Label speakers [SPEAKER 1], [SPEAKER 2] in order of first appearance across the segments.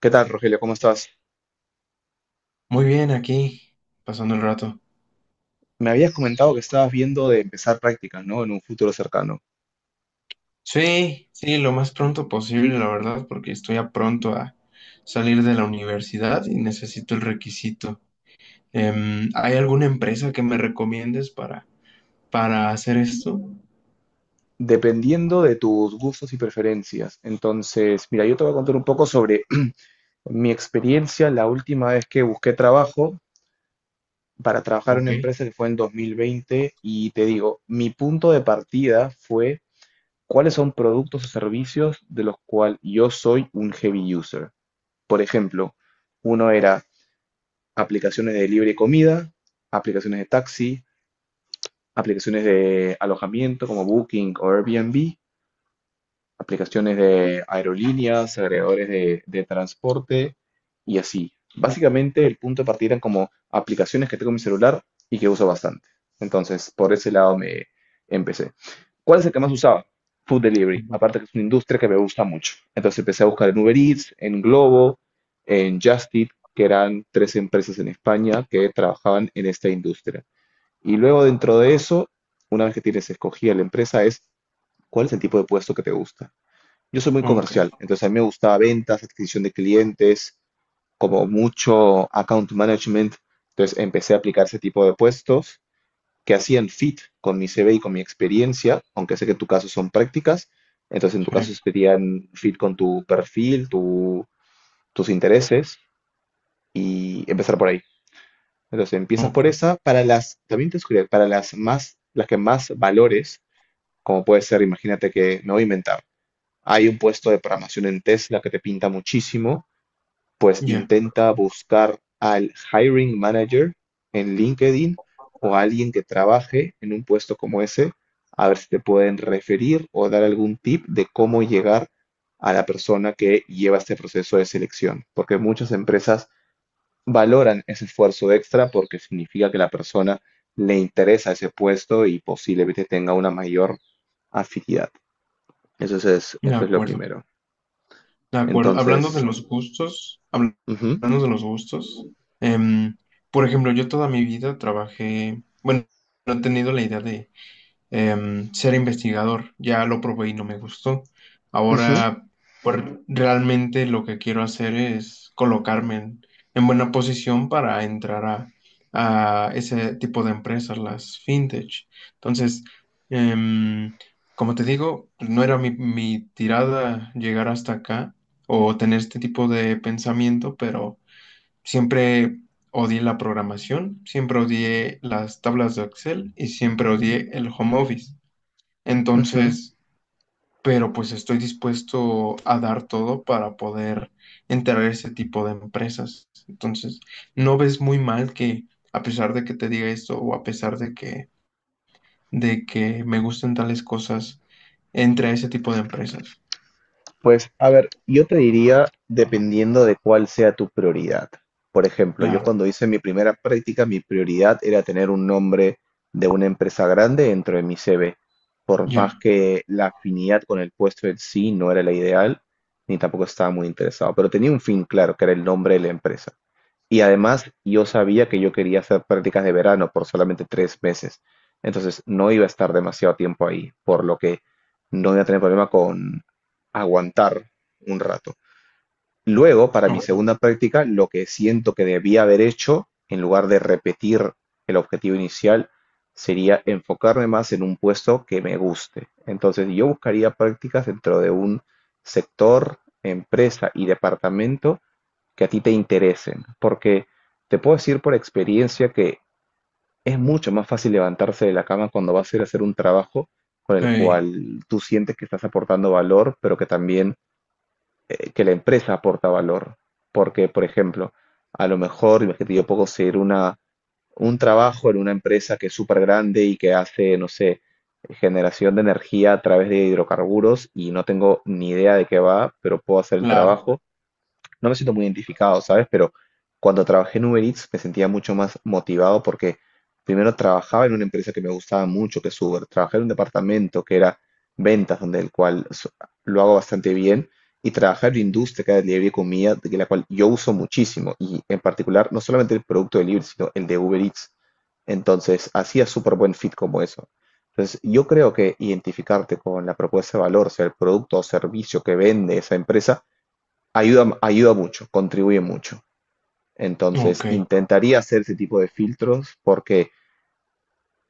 [SPEAKER 1] ¿Qué tal, Rogelio? ¿Cómo estás?
[SPEAKER 2] Muy bien, aquí, pasando el rato.
[SPEAKER 1] Me habías comentado que estabas viendo de empezar prácticas, ¿no? En un futuro cercano.
[SPEAKER 2] Sí, sí, lo más pronto posible, la verdad, porque estoy a pronto a salir de la universidad y necesito el requisito. ¿Hay alguna empresa que me recomiendes para hacer esto?
[SPEAKER 1] Dependiendo de tus gustos y preferencias. Entonces, mira, yo te voy a contar un poco sobre mi experiencia la última vez que busqué trabajo para trabajar en
[SPEAKER 2] Ok.
[SPEAKER 1] una empresa que fue en 2020. Y te digo, mi punto de partida fue cuáles son productos o servicios de los cuales yo soy un heavy user. Por ejemplo, uno era aplicaciones de delivery de comida, aplicaciones de taxi, aplicaciones de alojamiento como Booking o Airbnb, aplicaciones de aerolíneas, agregadores de transporte y así. Básicamente el punto de partida eran como aplicaciones que tengo en mi celular y que uso bastante. Entonces, por ese lado me empecé. ¿Cuál es el que más usaba? Food delivery,
[SPEAKER 2] Ujú.
[SPEAKER 1] aparte que es una industria que me gusta mucho. Entonces empecé a buscar en Uber Eats, en Globo, en Just Eat, que eran tres empresas en España que trabajaban en esta industria. Y luego dentro de eso, una vez que tienes escogida la empresa, es cuál es el tipo de puesto que te gusta. Yo soy muy
[SPEAKER 2] Ok,
[SPEAKER 1] comercial, entonces a mí me gustaba ventas, adquisición de clientes, como mucho account management. Entonces empecé a aplicar ese tipo de puestos que hacían fit con mi CV y con mi experiencia, aunque sé que en tu caso son prácticas, entonces en tu caso
[SPEAKER 2] sí,
[SPEAKER 1] serían fit con tu perfil, tus intereses y empezar por ahí. Entonces empiezas por
[SPEAKER 2] ok,
[SPEAKER 1] esa, para las, también te sugiero, para las más, las que más valores, como puede ser, imagínate que, no voy a inventar, hay un puesto de programación en Tesla que te pinta muchísimo, pues
[SPEAKER 2] ya,
[SPEAKER 1] intenta buscar al hiring manager en LinkedIn o a alguien que trabaje en un puesto como ese, a ver si te pueden referir o dar algún tip de cómo llegar a la persona que lleva este proceso de selección, porque muchas empresas valoran ese esfuerzo extra porque significa que la persona le interesa ese puesto y posiblemente tenga una mayor afinidad. Eso es,
[SPEAKER 2] de
[SPEAKER 1] Eso es lo
[SPEAKER 2] acuerdo,
[SPEAKER 1] primero.
[SPEAKER 2] de acuerdo. Hablando de
[SPEAKER 1] Entonces,
[SPEAKER 2] los gustos,
[SPEAKER 1] ujú,
[SPEAKER 2] hablando de los gustos, em, por ejemplo, yo toda mi vida trabajé, bueno, no he tenido la idea de ser investigador. Ya lo probé y no me gustó.
[SPEAKER 1] ujú,
[SPEAKER 2] Ahora, pues realmente lo que quiero hacer es colocarme en buena posición para entrar a ese tipo de empresas, las fintech. Entonces, em, como te digo, pues, no era mi tirada llegar hasta acá o tener este tipo de pensamiento, pero siempre odié la programación, siempre odié las tablas de Excel y siempre odié el home office.
[SPEAKER 1] ujú.
[SPEAKER 2] Entonces, pero pues estoy dispuesto a dar todo para poder entrar a ese tipo de empresas. Entonces, no ves muy mal que a pesar de que te diga esto o a pesar de que me gusten tales cosas, entre a ese tipo de empresas.
[SPEAKER 1] Pues, a ver, yo te diría, dependiendo de cuál sea tu prioridad. Por ejemplo, yo
[SPEAKER 2] Claro,
[SPEAKER 1] cuando hice mi primera práctica, mi prioridad era tener un nombre de una empresa grande dentro de mi CV. Por
[SPEAKER 2] ya,
[SPEAKER 1] más que la afinidad con el puesto en sí no era la ideal, ni tampoco estaba muy interesado, pero tenía un fin claro, que era el nombre de la empresa. Y además yo sabía que yo quería hacer prácticas de verano por solamente 3 meses. Entonces no iba a estar demasiado tiempo ahí, por lo que no iba a tener problema con aguantar un rato. Luego, para mi
[SPEAKER 2] ok,
[SPEAKER 1] segunda práctica, lo que siento que debía haber hecho, en lugar de repetir el objetivo inicial, sería enfocarme más en un puesto que me guste. Entonces yo buscaría prácticas dentro de un sector, empresa y departamento que a ti te interesen, porque te puedo decir por experiencia que es mucho más fácil levantarse de la cama cuando vas a ir a hacer un trabajo con el
[SPEAKER 2] sí,
[SPEAKER 1] cual tú sientes que estás aportando valor, pero que también que la empresa aporta valor. Porque, por ejemplo, a lo mejor, imagínate, yo puedo ser una, un trabajo en una empresa que es súper grande y que hace, no sé, generación de energía a través de hidrocarburos y no tengo ni idea de qué va, pero puedo hacer el
[SPEAKER 2] claro,
[SPEAKER 1] trabajo, no me siento muy identificado, ¿sabes? Pero cuando trabajé en Uber Eats me sentía mucho más motivado porque primero trabajaba en una empresa que me gustaba mucho, que es Uber. Trabajé en un departamento que era ventas, donde el cual lo hago bastante bien. Y trabajar en la industria que era delivery de comida, de la cual yo uso muchísimo. Y en particular, no solamente el producto de delivery, sino el de Uber Eats. Entonces, hacía súper buen fit como eso. Entonces, yo creo que identificarte con la propuesta de valor, sea el producto o servicio que vende esa empresa, ayuda mucho, contribuye mucho.
[SPEAKER 2] ok,
[SPEAKER 1] Entonces, intentaría hacer ese tipo de filtros porque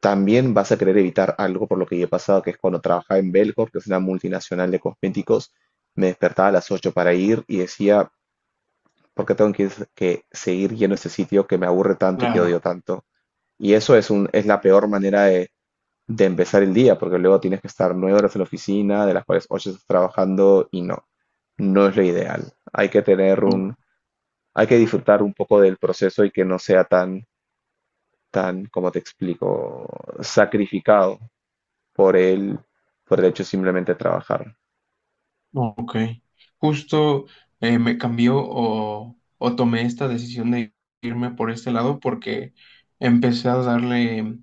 [SPEAKER 1] también vas a querer evitar algo por lo que yo he pasado, que es cuando trabajaba en Belcorp, que es una multinacional de cosméticos, me despertaba a las 8 para ir y decía, ¿por qué tengo que seguir yendo a este sitio que me aburre tanto y que odio
[SPEAKER 2] claro.
[SPEAKER 1] tanto? Y eso es, es la peor manera de empezar el día, porque luego tienes que estar 9 horas en la oficina, de las cuales 8 estás trabajando y no, no es lo ideal. Hay que tener
[SPEAKER 2] Ok.
[SPEAKER 1] un, hay que disfrutar un poco del proceso y que no sea tan, como te explico, sacrificado por por el hecho simplemente de trabajar.
[SPEAKER 2] Ok. Justo me cambió o tomé esta decisión de irme por este lado porque empecé a darle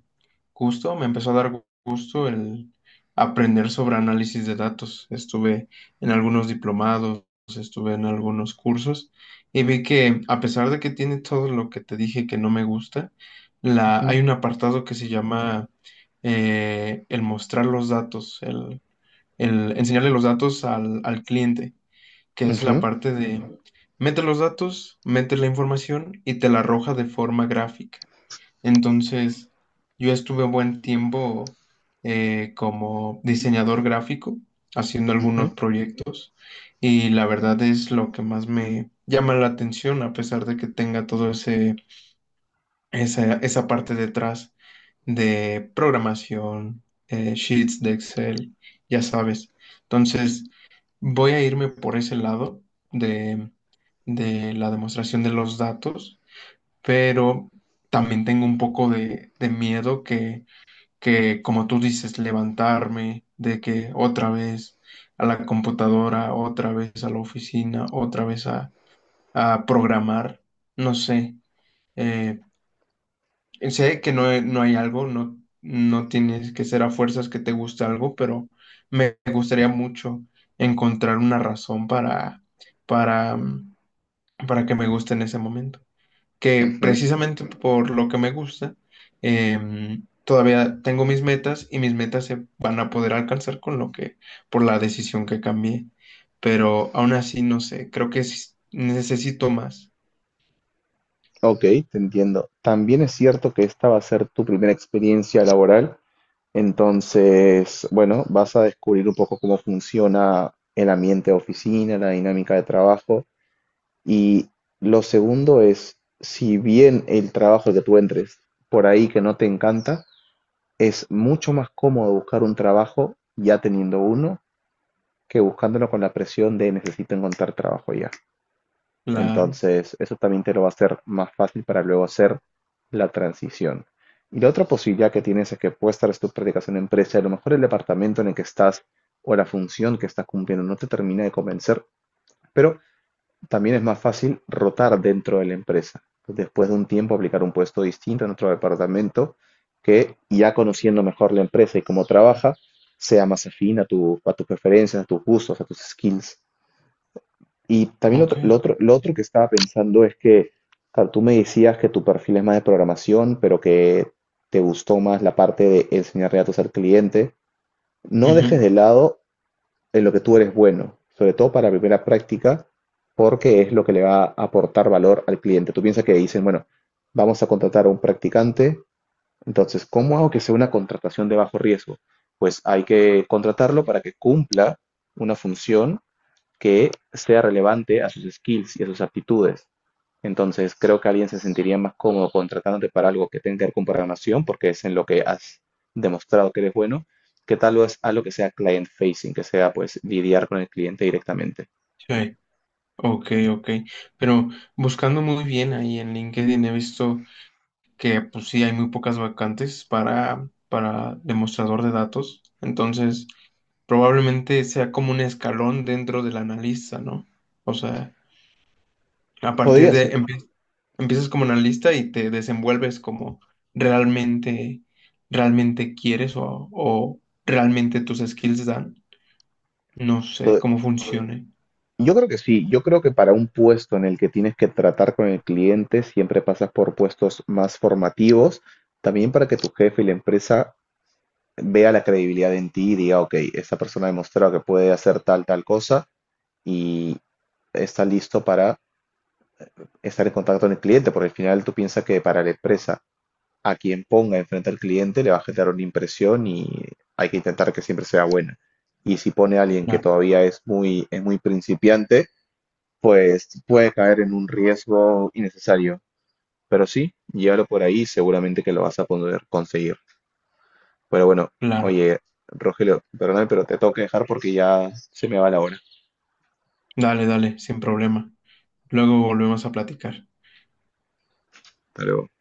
[SPEAKER 2] gusto, me empezó a dar gusto el aprender sobre análisis de datos. Estuve en algunos diplomados, estuve en algunos cursos y vi que a pesar de que tiene todo lo que te dije que no me gusta,
[SPEAKER 1] Ujú,
[SPEAKER 2] hay un apartado que se llama el mostrar los datos, el enseñarle los datos al cliente, que es la
[SPEAKER 1] ujú,
[SPEAKER 2] parte de mete los datos, mete la información y te la arroja de forma gráfica. Entonces, yo estuve buen tiempo como diseñador gráfico haciendo
[SPEAKER 1] ujú,
[SPEAKER 2] algunos proyectos y la verdad es lo que más me llama la atención a pesar de que tenga todo ese esa parte detrás de programación, sheets de Excel, ya sabes. Entonces, voy a irme por ese lado de, de la demostración de los datos, pero también tengo un poco de miedo que, como tú dices, levantarme, de que otra vez a la computadora, otra vez a la oficina, otra vez a programar, no sé, eh, sé que no, no hay algo, no, no tienes que ser a fuerzas que te guste algo, pero me gustaría mucho encontrar una razón para, mm, para que me guste en ese momento. Que
[SPEAKER 1] ujú.
[SPEAKER 2] precisamente por lo que me gusta, todavía tengo mis metas y mis metas se van a poder alcanzar con lo que, por la decisión que cambié. Pero aún así, no sé, creo que sí necesito más.
[SPEAKER 1] Ok, te entiendo. También es cierto que esta va a ser tu primera experiencia laboral, entonces, bueno, vas a descubrir un poco cómo funciona el ambiente de oficina, la dinámica de trabajo. Y lo segundo es, si bien el trabajo que tú entres por ahí que no te encanta, es mucho más cómodo buscar un trabajo ya teniendo uno que buscándolo con la presión de necesito encontrar trabajo ya.
[SPEAKER 2] Claro,
[SPEAKER 1] Entonces, eso también te lo va a hacer más fácil para luego hacer la transición. Y la otra posibilidad que tienes es que puedes estar tus prácticas en una empresa, y a lo mejor el departamento en el que estás o la función que estás cumpliendo no te termina de convencer, pero también es más fácil rotar dentro de la empresa. Después de un tiempo aplicar un puesto distinto en otro departamento que ya conociendo mejor la empresa y cómo trabaja, sea más afín a, a tus preferencias, a tus gustos, a tus skills. Y también
[SPEAKER 2] ok.
[SPEAKER 1] lo otro que estaba pensando es que, claro, tú me decías que tu perfil es más de programación, pero que te gustó más la parte de enseñarle datos al cliente. No dejes
[SPEAKER 2] Ujú,
[SPEAKER 1] de lado en lo que tú eres bueno, sobre todo para la primera práctica, porque es lo que le va a aportar valor al cliente. Tú piensas que dicen, bueno, vamos a contratar a un practicante, entonces, ¿cómo hago que sea una contratación de bajo riesgo? Pues hay que contratarlo para que cumpla una función que sea relevante a sus skills y a sus aptitudes. Entonces, creo que alguien se sentiría más cómodo contratándote para algo que tenga que ver con programación, porque es en lo que has demostrado que eres bueno, que tal vez algo que sea client facing, que sea pues lidiar con el cliente directamente.
[SPEAKER 2] sí. Ok, ok. Pero buscando muy bien ahí en LinkedIn he visto que pues sí hay muy pocas vacantes para demostrador de datos. Entonces, probablemente sea como un escalón dentro del analista, ¿no? O sea, a partir
[SPEAKER 1] Pod-
[SPEAKER 2] de empiezas como analista y te desenvuelves como realmente, realmente quieres o realmente tus skills dan. No sé cómo funcione.
[SPEAKER 1] Yo creo que sí, yo creo que para un puesto en el que tienes que tratar con el cliente, siempre pasas por puestos más formativos, también para que tu jefe y la empresa vea la credibilidad en ti y diga, ok, esta persona ha demostrado que puede hacer tal, tal cosa y está listo para estar en contacto con el cliente, porque al final tú piensas que para la empresa, a quien ponga enfrente al cliente le va a generar una impresión y hay que intentar que siempre sea buena. Y si pone a alguien que
[SPEAKER 2] Claro,
[SPEAKER 1] todavía es muy principiante, pues puede caer en un riesgo innecesario. Pero sí, llévalo por ahí, seguramente que lo vas a poder conseguir. Pero bueno,
[SPEAKER 2] claro.
[SPEAKER 1] oye, Rogelio, perdóname, pero te tengo que dejar porque ya se me va la hora.
[SPEAKER 2] Dale, dale, sin problema. Luego volvemos a platicar.
[SPEAKER 1] Hasta luego.